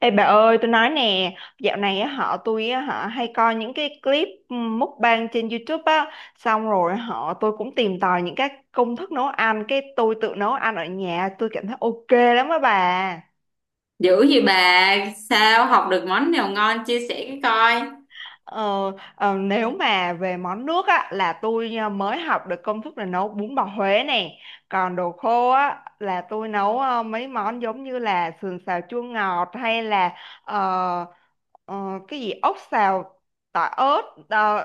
Ê bà ơi, tôi nói nè, dạo này á, họ tôi á, họ hay coi những cái clip mukbang trên YouTube á, xong rồi tôi cũng tìm tòi những cái công thức nấu ăn, cái tôi tự nấu ăn ở nhà, tôi cảm thấy ok lắm á bà. Dữ gì bà, sao học được món nào ngon chia sẻ cái coi. Ờ, nếu mà về món nước á, là tôi mới học được công thức là nấu bún bò Huế nè, còn đồ khô á, là tôi nấu mấy món giống như là sườn xào chua ngọt hay là ờ, ờ, cái gì ốc xào tỏi ớt, ờ,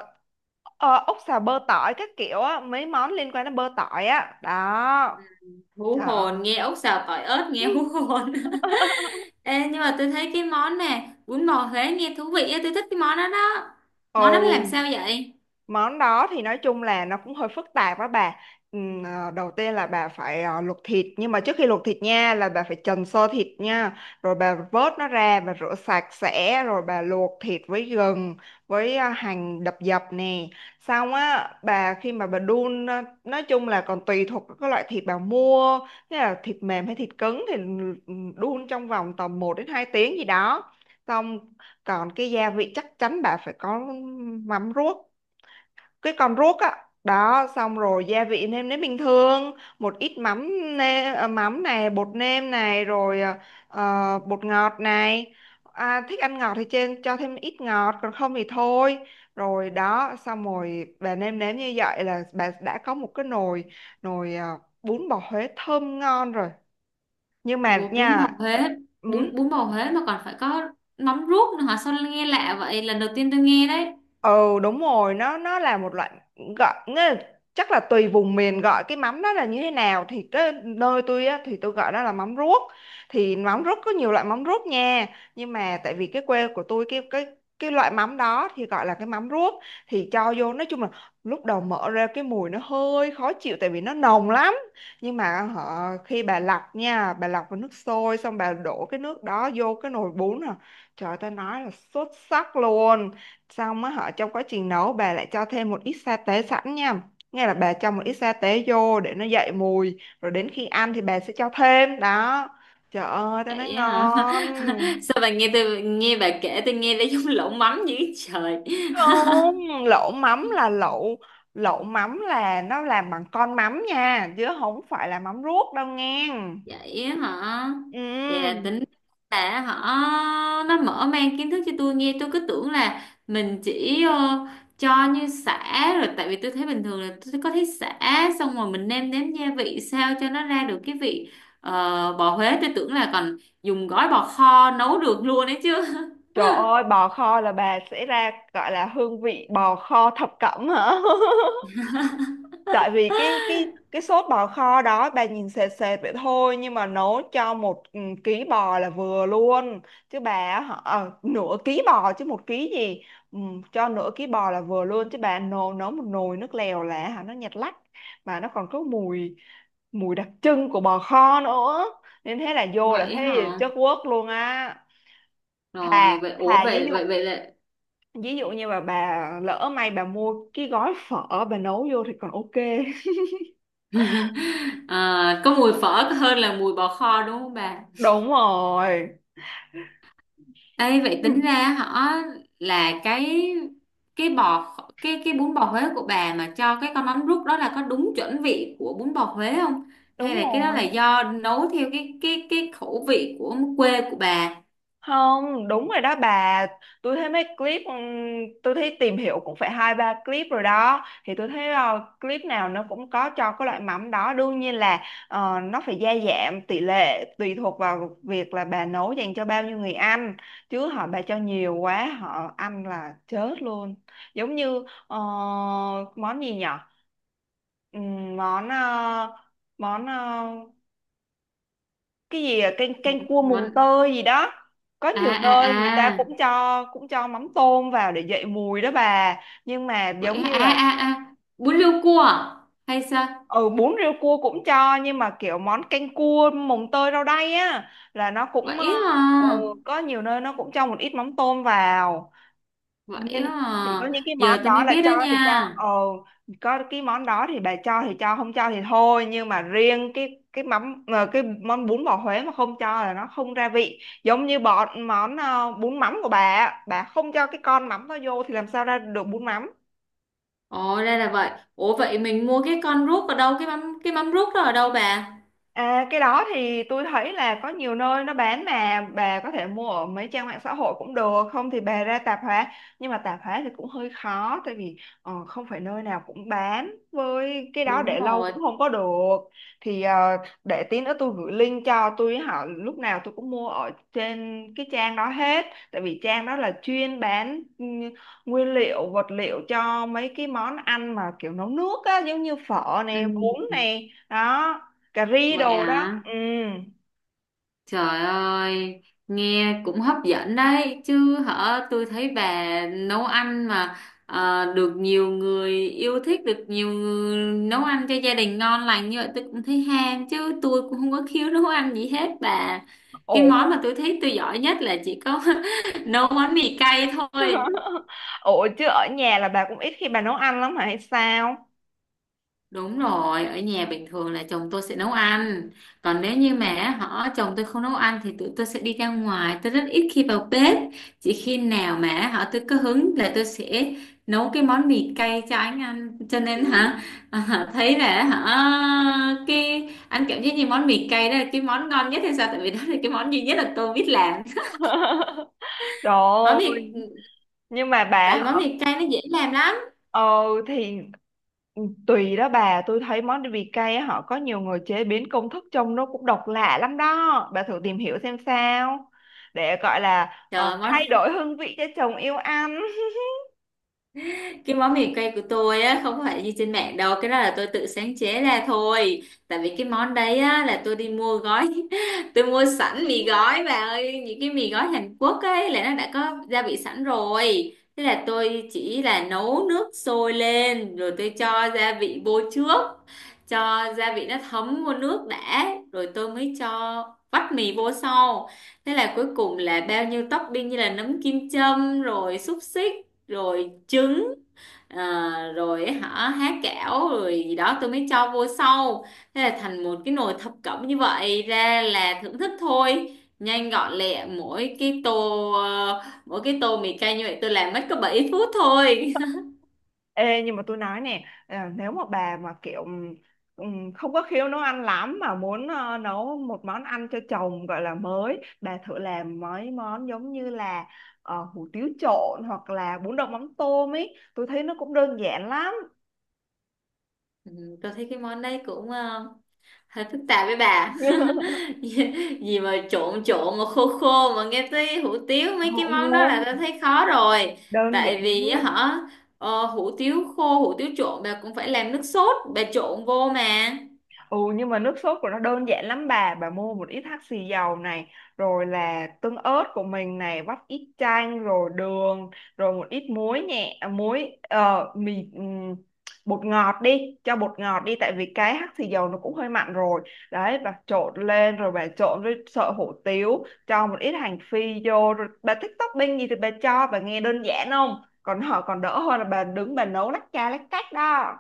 ốc xào bơ tỏi các kiểu á, mấy món liên quan đến bơ tỏi á đó. Hú Trời ơi. hồn, nghe ốc xào tỏi ớt nghe hú hồn. Ê, nhưng mà tôi thấy cái món nè, bún bò Huế nghe thú vị á, tôi thích cái món đó đó. Món đó làm sao Ừ. vậy? Món đó thì nói chung là nó cũng hơi phức tạp á bà. Đầu tiên là bà phải luộc thịt, nhưng mà trước khi luộc thịt nha là bà phải trần sơ thịt nha, rồi bà vớt nó ra bà rửa sạch sẽ, rồi bà luộc thịt với gừng với hành đập dập nè. Xong á bà, khi mà bà đun á, nói chung là còn tùy thuộc vào cái loại thịt bà mua, thế là thịt mềm hay thịt cứng thì đun trong vòng tầm một đến 2 tiếng gì đó. Xong, còn cái gia vị chắc chắn bà phải có mắm ruốc, cái con ruốc á đó, xong rồi gia vị nêm nếm bình thường, một ít mắm nêm, mắm này, bột nêm này, rồi bột ngọt này. Thích ăn ngọt thì trên cho thêm ít ngọt, còn không thì thôi. Rồi đó, xong rồi bà nêm nếm như vậy là bà đã có một cái nồi, nồi à, bún bò Huế thơm ngon rồi, nhưng mà Ủa, bún bò nha. Huế, Ừ, bún bò Huế mà còn phải có mắm ruốc nữa hả? Sao nghe lạ vậy? Lần đầu tiên tôi nghe đấy. ừ đúng rồi, nó là một loại, gọi nghĩa là, chắc là tùy vùng miền gọi cái mắm đó là như thế nào, thì cái nơi tôi á, thì tôi gọi đó là mắm ruốc. Thì mắm ruốc có nhiều loại mắm ruốc nha, nhưng mà tại vì cái quê của tôi, cái cái loại mắm đó thì gọi là cái mắm ruốc. Thì cho vô, nói chung là lúc đầu mở ra cái mùi nó hơi khó chịu, tại vì nó nồng lắm, nhưng mà khi bà lọc nha, bà lọc vào nước sôi xong bà đổ cái nước đó vô cái nồi bún à, trời, ta nói là xuất sắc luôn. Xong á, trong quá trình nấu bà lại cho thêm một ít sa tế sẵn nha, nghe là bà cho một ít sa tế vô để nó dậy mùi, rồi đến khi ăn thì bà sẽ cho thêm đó. Trời ơi, tao nói Vậy á hả? ngon. Sao bà nghe tôi nghe bà kể tôi nghe thấy giống lẩu mắm dữ trời. Không, lẩu mắm là lẩu, lẩu mắm là nó làm bằng con mắm nha, chứ không phải là mắm ruốc đâu nghe. Vậy á hả? Vậy là Ừ. tính là họ nó mở mang kiến thức cho tôi, nghe tôi cứ tưởng là mình chỉ cho như sả rồi, tại vì tôi thấy bình thường là tôi có thấy sả, xong rồi mình nêm nếm gia vị sao cho nó ra được cái vị ờ, bò Huế. Tôi tưởng là còn dùng gói bò kho nấu được luôn đấy chứ. Trời ơi, bò kho là bà sẽ ra gọi là hương vị bò kho thập cẩm hả. Tại vì cái cái sốt bò kho đó bà nhìn sệt sệt vậy thôi, nhưng mà nấu cho một, ừ, ký bò là vừa luôn. Chứ bà nửa ký bò chứ một ký gì. Ừ, cho nửa ký bò là vừa luôn, chứ bà nấu nấu một nồi nước lèo là hả nó nhạt lắc, mà nó còn có mùi, mùi đặc trưng của bò kho nữa, nên thế là vô là Vậy thấy hả? chất quốc luôn á. Rồi thà vậy, ủa thà ví vậy dụ, vậy vậy là ví dụ như mà bà lỡ may bà mua cái gói phở bà nấu vô thì còn ok. Ờ, có mùi phở hơn là mùi bò kho, đúng không bà? Đúng rồi. Ê, vậy tính Ừ, ra họ là cái bò cái bún bò Huế của bà mà cho cái con mắm rút đó là có đúng chuẩn vị của bún bò Huế không? đúng Hay là cái đó là rồi. do nấu theo cái khẩu vị của quê của bà? Không, đúng rồi đó bà. Tôi thấy mấy clip, tôi thấy tìm hiểu cũng phải hai ba clip rồi đó, thì tôi thấy clip nào nó cũng có cho cái loại mắm đó, đương nhiên là nó phải gia giảm tỷ lệ tùy thuộc vào việc là bà nấu dành cho bao nhiêu người ăn, chứ bà cho nhiều quá họ ăn là chết luôn. Giống như món gì nhở, món món cái gì canh canh cua mùng Món tơi gì đó, có à nhiều nơi người ta à à cũng cho, cũng cho mắm tôm vào để dậy mùi đó bà, nhưng mà vậy giống hả? như À là, à à bún riêu cua à? Hay sao? ừ, bún riêu cua cũng cho, nhưng mà kiểu món canh cua mùng tơi rau đay á là nó cũng Vậy ừ, hả? có nhiều nơi nó cũng cho một ít mắm tôm vào, Vậy nên hả? chỉ có những cái Giờ món tôi mới đó là biết đó cho thì cho. nha. Ồ, có cái món đó thì bà cho thì cho, không cho thì thôi. Nhưng mà riêng cái mắm cái món bún bò Huế mà không cho là nó không ra vị, giống như bọn món bún mắm của bà á, bà không cho cái con mắm nó vô thì làm sao ra được bún mắm. Ồ, đây là vậy. Ủa vậy mình mua cái con rút ở đâu? Cái mắm rút đó ở đâu bà? À, cái đó thì tôi thấy là có nhiều nơi nó bán, mà bà có thể mua ở mấy trang mạng xã hội cũng được, không thì bà ra tạp hóa. Nhưng mà tạp hóa thì cũng hơi khó, tại vì không phải nơi nào cũng bán, với cái đó Đúng để lâu rồi. cũng không có được. Thì để tí nữa tôi gửi link cho tôi hỏi, lúc nào tôi cũng mua ở trên cái trang đó hết, tại vì trang đó là chuyên bán, ừ, nguyên liệu vật liệu cho mấy cái món ăn mà kiểu nấu nước á, giống như phở Ừ, nè, bún nè, đó, cà ri vậy đồ đó. à, Ừ. trời ơi, nghe cũng hấp dẫn đấy chứ hả. Tôi thấy bà nấu ăn mà được nhiều người yêu thích, được nhiều người nấu ăn cho gia đình ngon lành như vậy, tôi cũng thấy ham chứ. Tôi cũng không có khiếu nấu ăn gì hết bà. Ồ. Cái món mà tôi thấy tôi giỏi nhất là chỉ có nấu món mì cay thôi. Ồ, chứ ở nhà là bà cũng ít khi bà nấu ăn lắm hả hay sao. Đúng rồi, ở nhà bình thường là chồng tôi sẽ nấu ăn. Còn nếu như mà họ chồng tôi không nấu ăn thì tụi tôi sẽ đi ra ngoài. Tôi rất ít khi vào bếp. Chỉ khi nào mà họ tôi có hứng là tôi sẽ nấu cái món mì cay cho anh ăn. Cho nên hả thấy là hả cái anh cảm giác như món mì cay đó là cái món ngon nhất hay sao? Tại vì đó là cái món duy nhất là tôi biết làm. Món Rồi, mì nhưng mà bà tại vì món mì cay nó dễ làm lắm. ờ, thì tùy đó bà, tôi thấy món vị cay á, họ có nhiều người chế biến công thức trông nó cũng độc lạ lắm đó bà, thử tìm hiểu xem sao, để gọi là Trời, thay đổi hương vị cho chồng yêu ăn. cái món mì quay của tôi á, không phải như trên mạng đâu, cái đó là tôi tự sáng chế ra thôi, tại vì cái món đấy á là tôi đi mua gói tôi mua sẵn mì gói bà ơi, những cái mì gói Hàn Quốc ấy là nó đã có gia vị sẵn rồi, thế là tôi chỉ là nấu nước sôi lên rồi tôi cho gia vị vô trước, cho gia vị nó thấm vô nước đã rồi tôi mới cho vắt mì vô sau. Thế là cuối cùng là bao nhiêu topping như là nấm kim châm rồi xúc xích rồi trứng. À, rồi ấy hả há kẽo rồi gì đó, tôi mới cho vô sau. Thế là thành một cái nồi thập cẩm như vậy, ra là thưởng thức thôi, nhanh gọn lẹ. Mỗi cái tô mì cay như vậy tôi làm mất có 7 phút thôi. Ê, nhưng mà tôi nói nè à, nếu mà bà mà kiểu không có khiếu nấu ăn lắm, mà muốn nấu một món ăn cho chồng gọi là mới, bà thử làm mấy món giống như là hủ tiếu trộn, hoặc là bún đậu mắm tôm ấy, tôi thấy nó cũng đơn giản lắm. Ừ, tôi thấy cái món đấy cũng hơi phức tạp với bà. Gì gì mà trộn trộn mà khô khô mà, nghe tới hủ tiếu mấy cái món đó Ồ, là ta thấy khó rồi. đơn giản. Tại vì á hả hủ tiếu khô, hủ tiếu trộn bà cũng phải làm nước sốt bà trộn vô mà. Ừ, nhưng mà nước sốt của nó đơn giản lắm bà. Bà mua một ít hắc xì dầu này, rồi là tương ớt của mình này, vắt ít chanh rồi đường, rồi một ít muối nhẹ, muối mì bột ngọt đi, cho bột ngọt đi, tại vì cái hắc xì dầu nó cũng hơi mặn rồi. Đấy bà trộn lên, rồi bà trộn với sợi hủ tiếu, cho một ít hành phi vô rồi, bà thích topping gì thì bà cho. Bà nghe đơn giản không? Còn còn đỡ hơn là bà đứng bà nấu lách cha lách cách đó.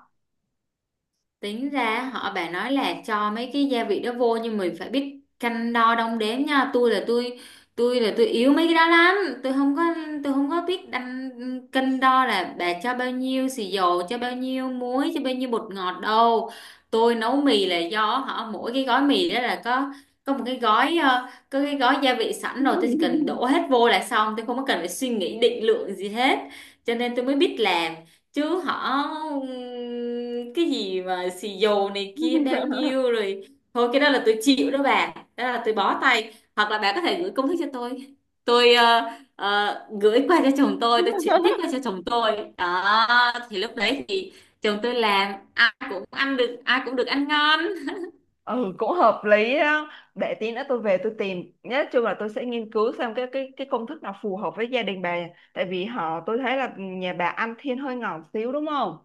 Tính ra họ bà nói là cho mấy cái gia vị đó vô nhưng mình phải biết cân đo đong đếm nha. Tôi là tôi yếu mấy cái đó lắm. Tôi không có tôi không có biết đăng cân đo là bà cho bao nhiêu xì dầu, cho bao nhiêu muối, cho bao nhiêu bột ngọt đâu. Tôi nấu mì là do họ mỗi cái gói mì đó là có một cái gói có cái gói gia vị sẵn rồi, tôi chỉ cần đổ hết vô là xong, tôi không có cần phải suy nghĩ định lượng gì hết, cho nên tôi mới biết làm. Chứ họ cái gì mà xì dầu này kia bao nhiêu rồi, thôi cái đó là tôi chịu đó bà, đó là tôi bó tay. Hoặc là bà có thể gửi công thức cho tôi gửi qua cho chồng tôi chuyển tiếp qua cho chồng tôi đó, thì lúc đấy thì chồng tôi làm ai cũng ăn được, ai cũng được ăn ngon. Ừ cũng hợp lý đó, để tí nữa tôi về tôi tìm, nhất chung là tôi sẽ nghiên cứu xem cái cái công thức nào phù hợp với gia đình bà, tại vì tôi thấy là nhà bà ăn thiên hơi ngọt xíu đúng không.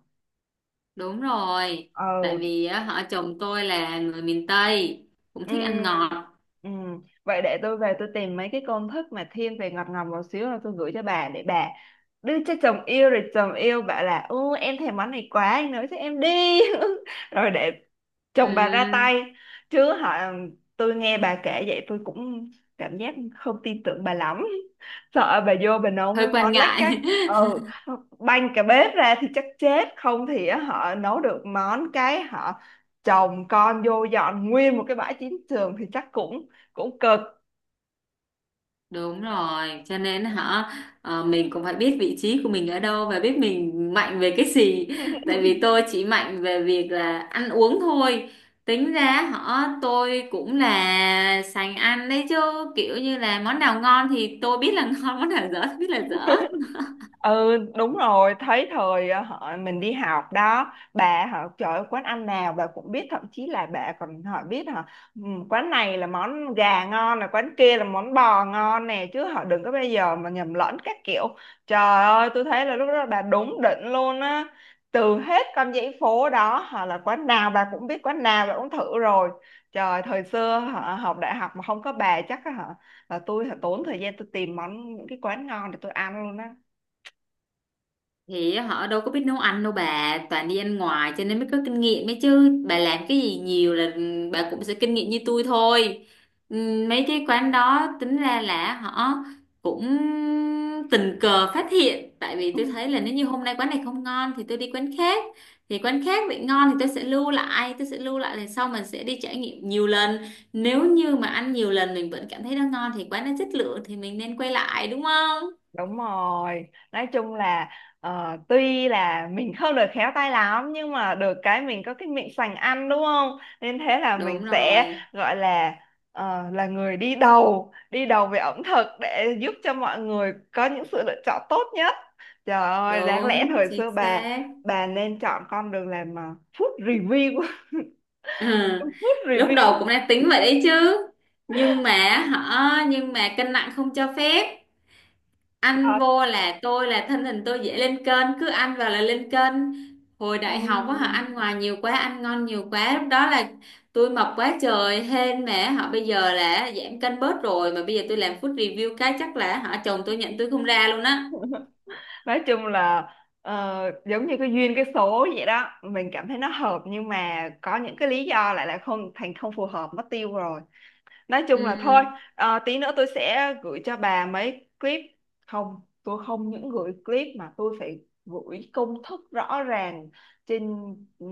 Đúng rồi, tại Ừ. vì á, họ chồng tôi là người miền Tây, cũng thích ăn Ừ, ngọt. ừ. Vậy để tôi về tôi tìm mấy cái công thức mà thiên về ngọt ngọt một xíu, rồi tôi gửi cho bà để bà đưa cho chồng yêu, rồi chồng yêu bảo là ô em thèm món này quá anh nấu cho em đi. Rồi để chồng bà ra Ừm, tay, chứ tôi nghe bà kể vậy tôi cũng cảm giác không tin tưởng bà lắm. Sợ bà vô bà nấu Hơi mấy quan món lách cách, ngại. ừ, banh cả bếp ra thì chắc chết, không thì á, nấu được món cái chồng con vô dọn nguyên một cái bãi chiến trường thì chắc cũng cũng cực. Đúng rồi, cho nên hả mình cũng phải biết vị trí của mình ở đâu và biết mình mạnh về cái gì. Tại vì tôi chỉ mạnh về việc là ăn uống thôi. Tính ra họ tôi cũng là sành ăn đấy chứ, kiểu như là món nào ngon thì tôi biết là ngon, món nào dở thì biết là dở. Ừ đúng rồi, thấy thời ờ, họ mình đi học đó bà, họ trời ơi, quán ăn nào bà cũng biết, thậm chí là bà còn biết hả, ừ, quán này là món gà ngon, là quán kia là món bò ngon nè, chứ đừng có bây giờ mà nhầm lẫn các kiểu. Trời ơi, tôi thấy là lúc đó bà đúng đỉnh luôn á, từ hết con dãy phố đó họ là quán nào bà cũng biết, quán nào bà cũng thử rồi. Trời, thời xưa học đại học mà không có bà chắc á hả, là tôi hả, tốn thời gian tôi tìm món những cái quán ngon để tôi ăn luôn á. Thì họ đâu có biết nấu ăn đâu bà, toàn đi ăn ngoài cho nên mới có kinh nghiệm ấy chứ, bà làm cái gì nhiều là bà cũng sẽ kinh nghiệm như tôi thôi. Mấy cái quán đó tính ra là họ cũng tình cờ phát hiện, tại vì tôi thấy là nếu như hôm nay quán này không ngon thì tôi đi quán khác, thì quán khác bị ngon thì tôi sẽ lưu lại, lần sau mình sẽ đi trải nghiệm nhiều lần. Nếu như mà ăn nhiều lần mình vẫn cảm thấy nó ngon thì quán nó chất lượng, thì mình nên quay lại đúng không? Đúng rồi, nói chung là tuy là mình không được khéo tay lắm, nhưng mà được cái mình có cái miệng sành ăn đúng không? Nên thế là mình Đúng sẽ rồi. gọi là là người đi đầu về ẩm thực, để giúp cho mọi người có những sự lựa chọn tốt nhất. Trời ơi, đáng lẽ Đúng thời chính xưa bà xác. bà nên chọn con đường làm food review, Ừ. food Lúc đầu review. cũng đã tính vậy đấy chứ, nhưng mà cân nặng không cho phép. Ăn Trời. vô là tôi, là thân hình tôi dễ lên cân, cứ ăn vào là lên cân. Hồi Ừ. đại học á họ ăn ngoài nhiều quá, ăn ngon nhiều quá, lúc đó là tôi mập quá trời. Hên mà họ bây giờ là giảm cân bớt rồi, mà bây giờ tôi làm food review cái chắc là họ chồng tôi nhận tôi không ra luôn á. Nói chung là giống như cái duyên cái số vậy đó, mình cảm thấy nó hợp, nhưng mà có những cái lý do lại là không thành, không phù hợp mất tiêu rồi. Nói chung là thôi, Ừ. Tí nữa tôi sẽ gửi cho bà mấy clip. Không, tôi không những gửi clip mà tôi phải gửi công thức rõ ràng trên,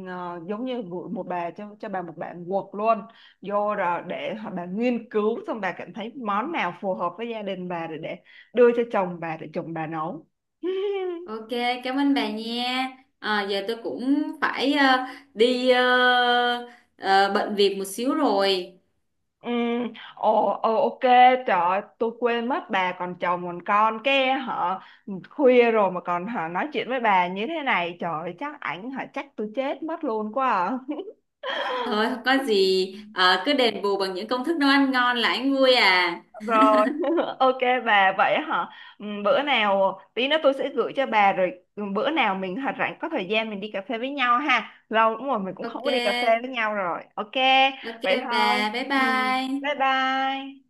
giống như gửi một bà cho, bà một bản Word luôn, vô rồi để bà nghiên cứu, xong bà cảm thấy món nào phù hợp với gia đình bà để đưa cho chồng bà để chồng bà nấu. Ok, cảm ơn bà nha. À, giờ tôi cũng phải đi ờ, bận việc một xíu rồi. Ừ, ồ, ờ, ok, trời ơi, tôi quên mất bà còn chồng còn con cái, khuya rồi mà còn nói chuyện với bà như thế này, trời ơi, chắc ảnh chắc tôi chết mất luôn quá à. Thôi không có gì. Ờ, Cứ đền bù bằng những công thức nấu ăn ngon là anh vui à. Rồi, ok, bà vậy hả? Ừ, bữa nào tí nữa tôi sẽ gửi cho bà, rồi ừ, bữa nào mình hả rảnh có thời gian mình đi cà phê với nhau ha. Lâu lắm rồi mình cũng không Ok, có đi cà phê với nhau rồi. Ok, ok vậy bà, thôi. bye Ừ, bye bye. bye.